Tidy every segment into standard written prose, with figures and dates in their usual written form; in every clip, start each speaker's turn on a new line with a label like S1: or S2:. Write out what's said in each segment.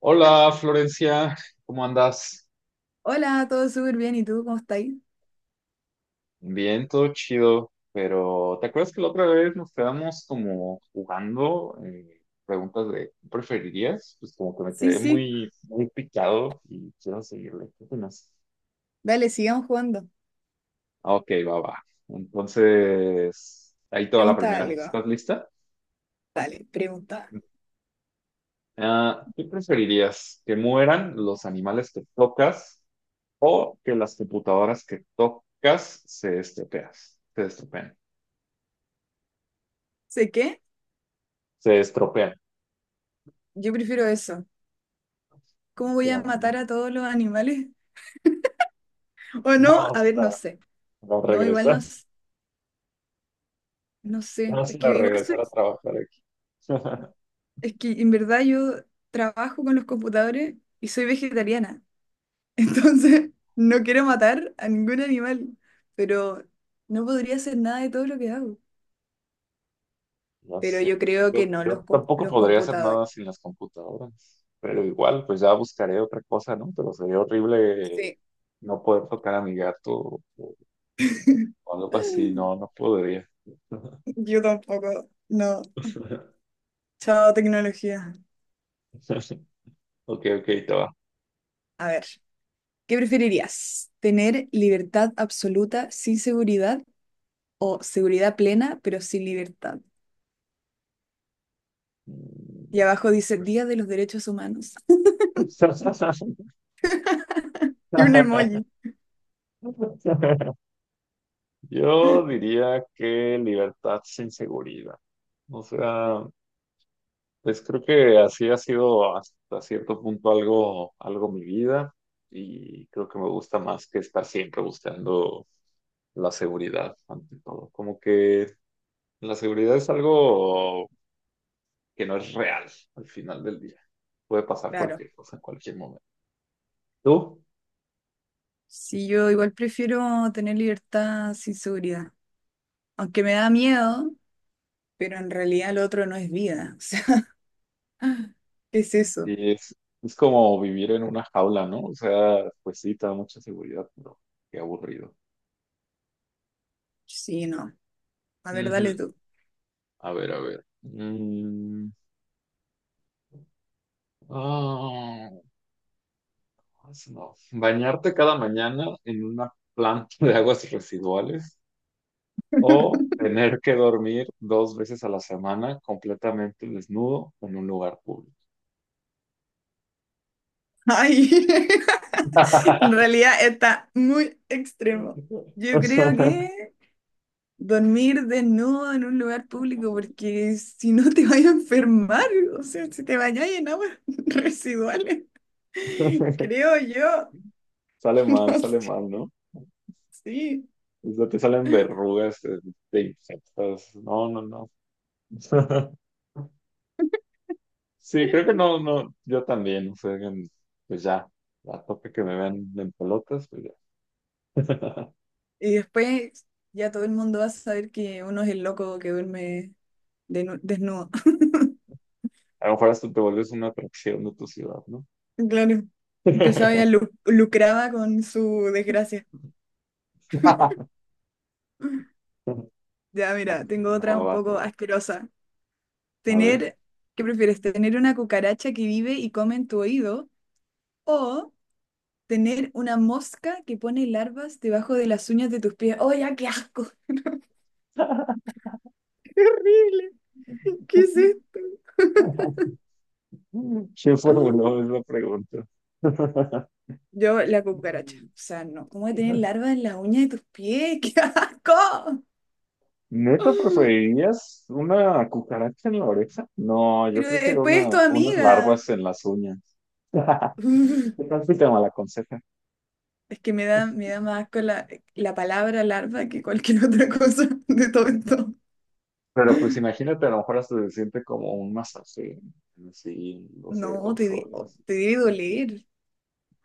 S1: Hola Florencia, ¿cómo andas?
S2: Hola, todo súper bien. ¿Y tú cómo estás?
S1: Bien, todo chido, pero ¿te acuerdas que la otra vez nos quedamos como jugando preguntas de ¿qué preferirías? Pues como que me
S2: Sí,
S1: quedé
S2: sí.
S1: muy, muy picado y quiero seguirle. ¿Qué opinas?
S2: Dale, sigamos jugando.
S1: Ah, ok, va, va. Entonces, ahí toda la
S2: Pregunta
S1: primera.
S2: algo.
S1: ¿Estás lista?
S2: Dale, pregunta.
S1: Ah, ¿qué preferirías? ¿Que mueran los animales que tocas o que las computadoras que tocas se estropeas, se estropeen?
S2: ¿Sé qué?
S1: Se estropean.
S2: Yo prefiero eso. ¿Cómo voy a
S1: Claro, ¿no?
S2: matar a todos los animales? ¿O no? A
S1: Vamos
S2: ver,
S1: a,
S2: no sé.
S1: a
S2: No, igual no,
S1: regresar,
S2: no sé.
S1: vamos
S2: Es que
S1: a
S2: igual
S1: regresar
S2: soy...
S1: a trabajar aquí.
S2: Es que en verdad yo trabajo con los computadores y soy vegetariana. Entonces, no quiero matar a ningún animal. Pero no podría hacer nada de todo lo que hago.
S1: No
S2: Pero
S1: sé,
S2: yo creo
S1: yo,
S2: que no,
S1: yo
S2: los,
S1: tampoco
S2: los
S1: podría hacer
S2: computadores.
S1: nada sin las computadoras, pero igual, pues ya buscaré otra cosa, ¿no? Pero sería horrible
S2: Sí.
S1: no poder tocar a mi gato o o algo así, no, no podría.
S2: Yo tampoco. No. Chao, tecnología.
S1: Ok, ok, te va.
S2: A ver, ¿qué preferirías? ¿Tener libertad absoluta sin seguridad o seguridad plena pero sin libertad? Y
S1: Mm.
S2: abajo dice Día de los Derechos Humanos. Y un emoji.
S1: Yo diría que libertad sin seguridad. O sea, pues creo que así ha sido hasta cierto punto algo mi vida y creo que me gusta más que estar siempre buscando la seguridad ante todo. Como que la seguridad es algo que no es real al final del día. Puede pasar
S2: Claro.
S1: cualquier cosa en cualquier momento. ¿Tú?
S2: Sí, yo igual prefiero tener libertad sin seguridad. Aunque me da miedo, pero en realidad lo otro no es vida. O sea, ¿qué es eso?
S1: Y es, es como vivir en una jaula, ¿no? O sea, pues sí, te da mucha seguridad, pero qué aburrido.
S2: Sí, no. A ver, dale
S1: Ujú.
S2: tú.
S1: A ver, a ver. Ah, no. Bañarte cada mañana en una planta de aguas residuales o tener que dormir 2 veces a la semana completamente desnudo en un lugar público.
S2: Ay, en realidad está muy extremo. Yo creo que dormir desnudo en un lugar público, porque si no te vas a enfermar, o sea, si te bañas en aguas residuales, creo yo. No
S1: Sale
S2: sé,
S1: mal, ¿no?
S2: sí.
S1: O sea, te salen verrugas, te infectas. No, no, no. Sí, creo que no, no, yo también, o sea, que, pues ya, a tope que me vean en pelotas, pues ya.
S2: Y después ya todo el mundo va a saber que uno es el loco que duerme desnudo.
S1: A lo mejor hasta te vuelves una atracción de tu ciudad, ¿no?
S2: Claro, empezaba ya lucraba con su desgracia. Ya,
S1: Ah,
S2: mira, tengo otra
S1: no,
S2: un
S1: va, te
S2: poco
S1: va.
S2: asquerosa.
S1: A ver.
S2: Tener, ¿Qué prefieres? ¿Tener una cucaracha que vive y come en tu oído o tener una mosca que pone larvas debajo de las uñas de tus pies? ¡Oh, ya, qué asco! ¡Qué horrible! ¿Qué es esto?
S1: ¿Quién formuló esa pregunta?
S2: Yo, la cucaracha. O sea, no. ¿Cómo voy a tener larvas en las uñas de tus pies? ¡Qué asco!
S1: ¿Neta preferirías una cucaracha en la oreja? No, yo
S2: Pero
S1: prefiero
S2: después es tu
S1: unas larvas
S2: amiga.
S1: en las uñas.
S2: Uf,
S1: ¿Qué tal si te malaconseja?
S2: es que me da más asco la palabra larva que cualquier otra cosa de todo esto.
S1: Pero pues imagínate, a lo mejor hasta se siente como un masaje, así, en los
S2: No, te,
S1: dedos o algo
S2: oh,
S1: así.
S2: te debe doler.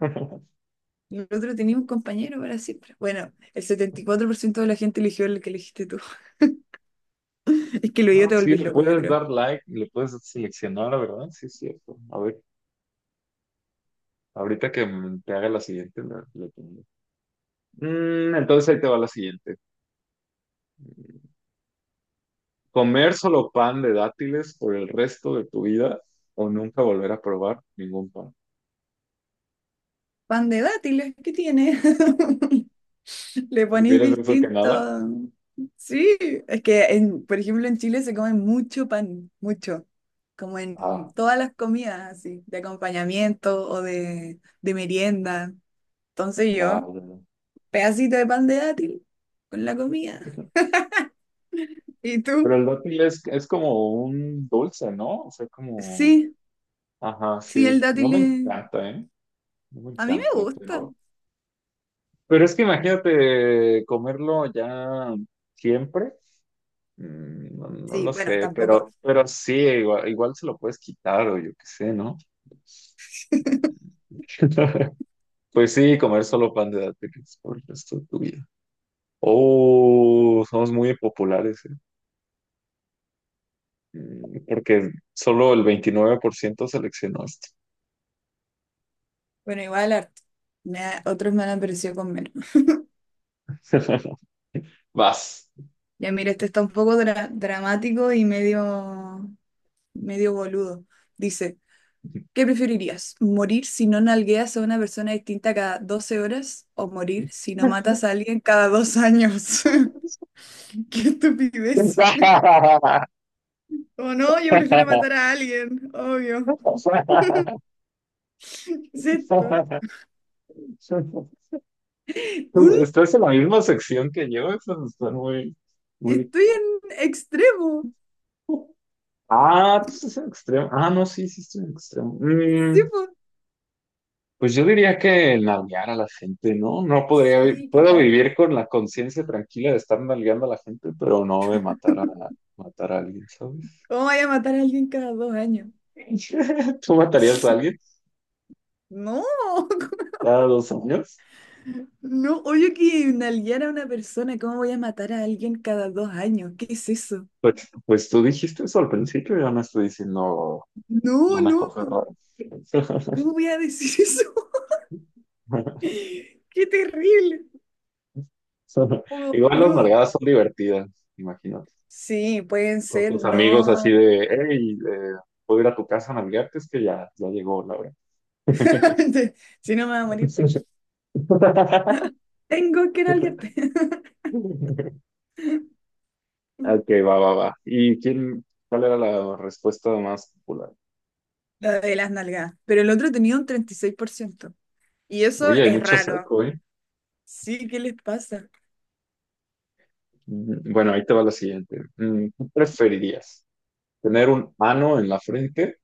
S2: Y el otro tenía un compañero para siempre. Bueno, el 74% de la gente eligió el que elegiste tú. Es que lo yo
S1: Ah,
S2: te
S1: sí,
S2: volvís
S1: le
S2: loco, yo
S1: puedes
S2: creo.
S1: dar like, le puedes seleccionar, la verdad, sí es cierto. A ver, ahorita que te haga la siguiente, le pongo. Entonces ahí te va la siguiente. ¿Comer solo pan de dátiles por el resto de tu vida o nunca volver a probar ningún pan?
S2: Pan de dátiles, ¿qué tiene? Le ponís
S1: ¿Prefieres eso que nada?
S2: distinto. Sí, es que, en, por ejemplo, en Chile se come mucho pan, mucho. Como
S1: Ah,
S2: en todas las comidas, así, de acompañamiento o de merienda. Entonces
S1: ya,
S2: yo, pedacito de pan de dátil con la comida.
S1: ya.
S2: ¿Y
S1: Pero
S2: tú?
S1: el dátil es como un dulce, ¿no? O sea, como...
S2: Sí,
S1: Ajá,
S2: sí, el
S1: sí. No me encanta, ¿eh? No me
S2: a mí me
S1: encanta,
S2: gusta.
S1: pero... Pero es que imagínate comerlo ya siempre. No, no
S2: Sí,
S1: lo
S2: bueno,
S1: sé,
S2: tampoco.
S1: pero sí, igual, igual se lo puedes quitar o yo qué sé, ¿no? Pues sí, comer solo pan de dátiles por el resto de tu vida. Oh, somos muy populares, ¿eh? Porque solo el 29% seleccionó esto.
S2: Bueno, igual harto. Otros me han aparecido con menos.
S1: Vas.
S2: Ya mira, este está un poco dramático y medio, medio boludo. Dice, ¿qué preferirías? ¿Morir si no nalgueas a una persona distinta cada 12 horas o morir si no matas a alguien cada 2 años? ¡Qué estupidez! O no, yo prefiero matar a alguien, obvio. ¿Qué es esto? Un,
S1: Estás en la misma sección que yo, esas están muy, muy...
S2: estoy en extremo.
S1: Ah, tú estás en extremo. Ah, no, sí, sí estoy en extremo.
S2: Sí, pues.
S1: Pues yo diría que nalguear a la gente, ¿no? No podría, vi-
S2: Sí, ¿qué
S1: puedo
S2: tanto?
S1: vivir con la conciencia tranquila de estar nalgueando a la gente, pero no de matar a, alguien, ¿sabes?
S2: ¿Cómo vaya a matar a alguien cada dos años?
S1: ¿Tú matarías a alguien
S2: No,
S1: cada 2 años?
S2: no, obvio que nalguear a una persona, ¿cómo voy a matar a alguien cada dos años? ¿Qué es eso?
S1: Pues, tú dijiste eso al principio, yo no estoy diciendo
S2: No,
S1: una
S2: no,
S1: cosa rara.
S2: ¿cómo voy a decir eso? ¡Qué terrible! Oh,
S1: Igual las
S2: boludo.
S1: nalgadas son divertidas, imagínate.
S2: Sí, pueden
S1: Con
S2: ser,
S1: tus amigos así
S2: no.
S1: de, hey, puedo ir a tu casa a nalgarte, es que ya, ya llegó la hora.
S2: Si no me voy a morir, tengo que nalguearte.
S1: Ok, va, va, va. ¿Y quién, cuál era la respuesta más popular?
S2: La de las nalgadas. Pero el otro tenía un 36%. Y eso
S1: Oye, hay
S2: es
S1: mucho
S2: raro.
S1: saco, ¿eh?
S2: Sí, ¿qué les pasa?
S1: Bueno, ahí te va la siguiente. ¿Qué preferirías? ¿Tener un ano en la frente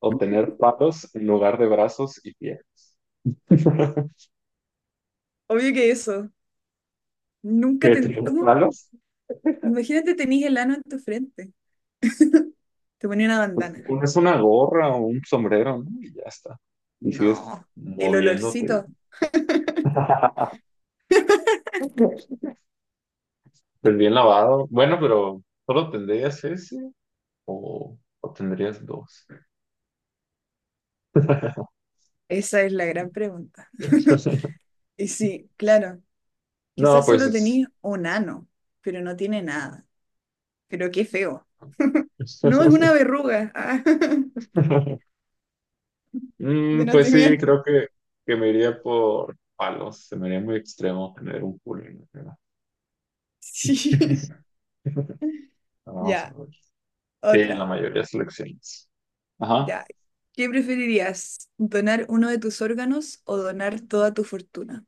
S1: o tener palos en lugar de brazos y piernas?
S2: Obvio que eso. Nunca
S1: ¿Qué
S2: te...
S1: tener
S2: ¿Cómo?
S1: palos?
S2: Imagínate tenís el ano en tu frente. Te ponía una
S1: Pues te
S2: bandana.
S1: pones una gorra o un sombrero, ¿no? Y ya está. Y sigues
S2: No. El
S1: moviéndote.
S2: olorcito.
S1: Pues bien lavado. Bueno, pero ¿solo tendrías ese o tendrías dos?
S2: Esa es la gran pregunta. Y sí, claro.
S1: No,
S2: Quizás
S1: pues
S2: solo
S1: es-
S2: tenís un ano, pero no tiene nada. Pero qué feo. No es una verruga. Ah, de
S1: Pues sí,
S2: nacimiento.
S1: creo que me iría por palos. Se me haría muy extremo tener un pool en la cara.
S2: Sí.
S1: Vamos a
S2: Ya,
S1: ver. Sí, en la
S2: otra.
S1: mayoría de selecciones. Ajá.
S2: Ya. ¿Qué preferirías? ¿Donar uno de tus órganos o donar toda tu fortuna?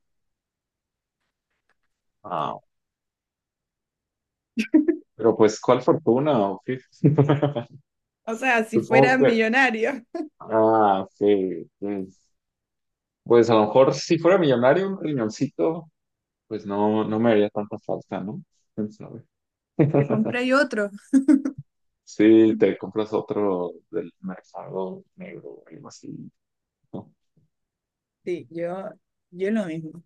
S1: Ah, pero pues, ¿cuál fortuna? Sí.
S2: O sea, si
S1: Supongo
S2: fuera
S1: que...
S2: millonario,
S1: Ah, sí. Sí. Pues a lo mejor si fuera millonario, un riñoncito, pues no, no me haría tanta falta, ¿no? ¿Quién sabe?
S2: te compráis otro.
S1: Sí, te compras otro del mercado negro o algo así, ¿no?
S2: Sí, yo lo mismo.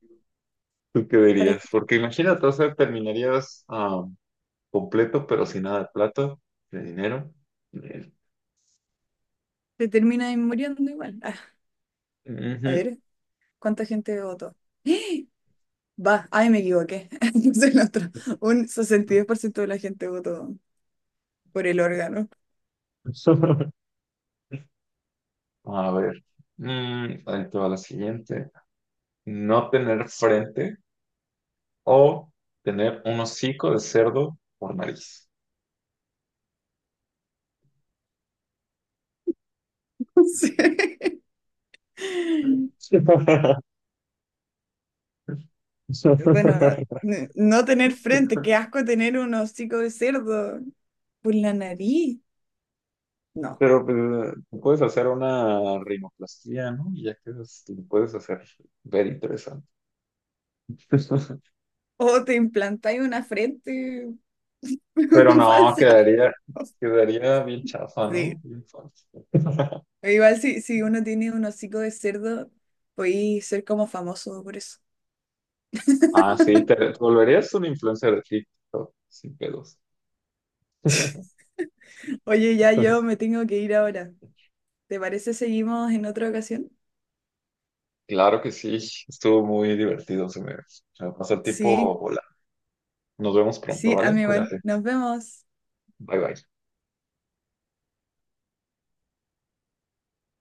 S1: ¿Tú qué
S2: Para
S1: dirías?
S2: que
S1: Porque imagínate, o sea, terminarías ah, completo, pero sin nada de plata, de dinero. De-
S2: te termines muriendo igual. Ah, a ver, ¿cuánta gente votó? ¡Eh! Va, ay, me equivoqué. Es el otro. Un sesenta y
S1: Ujú.
S2: dos por ciento de la gente votó por el órgano.
S1: A ver, ahí te va la siguiente. No tener frente o tener un hocico de cerdo por nariz.
S2: Sí. Bueno, no tener frente, qué asco tener un hocico de cerdo por la nariz. No.
S1: Pero pues, tú puedes hacer una rinoplastia, ¿no? Y ya quedas, lo puedes hacer ver interesante.
S2: O te implantáis una frente
S1: Pero no,
S2: falsa.
S1: quedaría bien chafa, ¿no?
S2: Sí,
S1: Bien falso.
S2: pero igual si uno tiene un hocico de cerdo, podéis ser como famoso por eso.
S1: Ah, sí, te, te volverías un influencer de TikTok, sin pedos.
S2: Oye, ya yo me tengo que ir ahora. ¿Te parece seguimos en otra ocasión?
S1: Claro que sí, estuvo muy divertido, se me pasó el
S2: Sí,
S1: tiempo volando. Nos vemos pronto,
S2: sí, a
S1: ¿vale?
S2: mí igual.
S1: Cuídate.
S2: Nos vemos.
S1: Bye bye.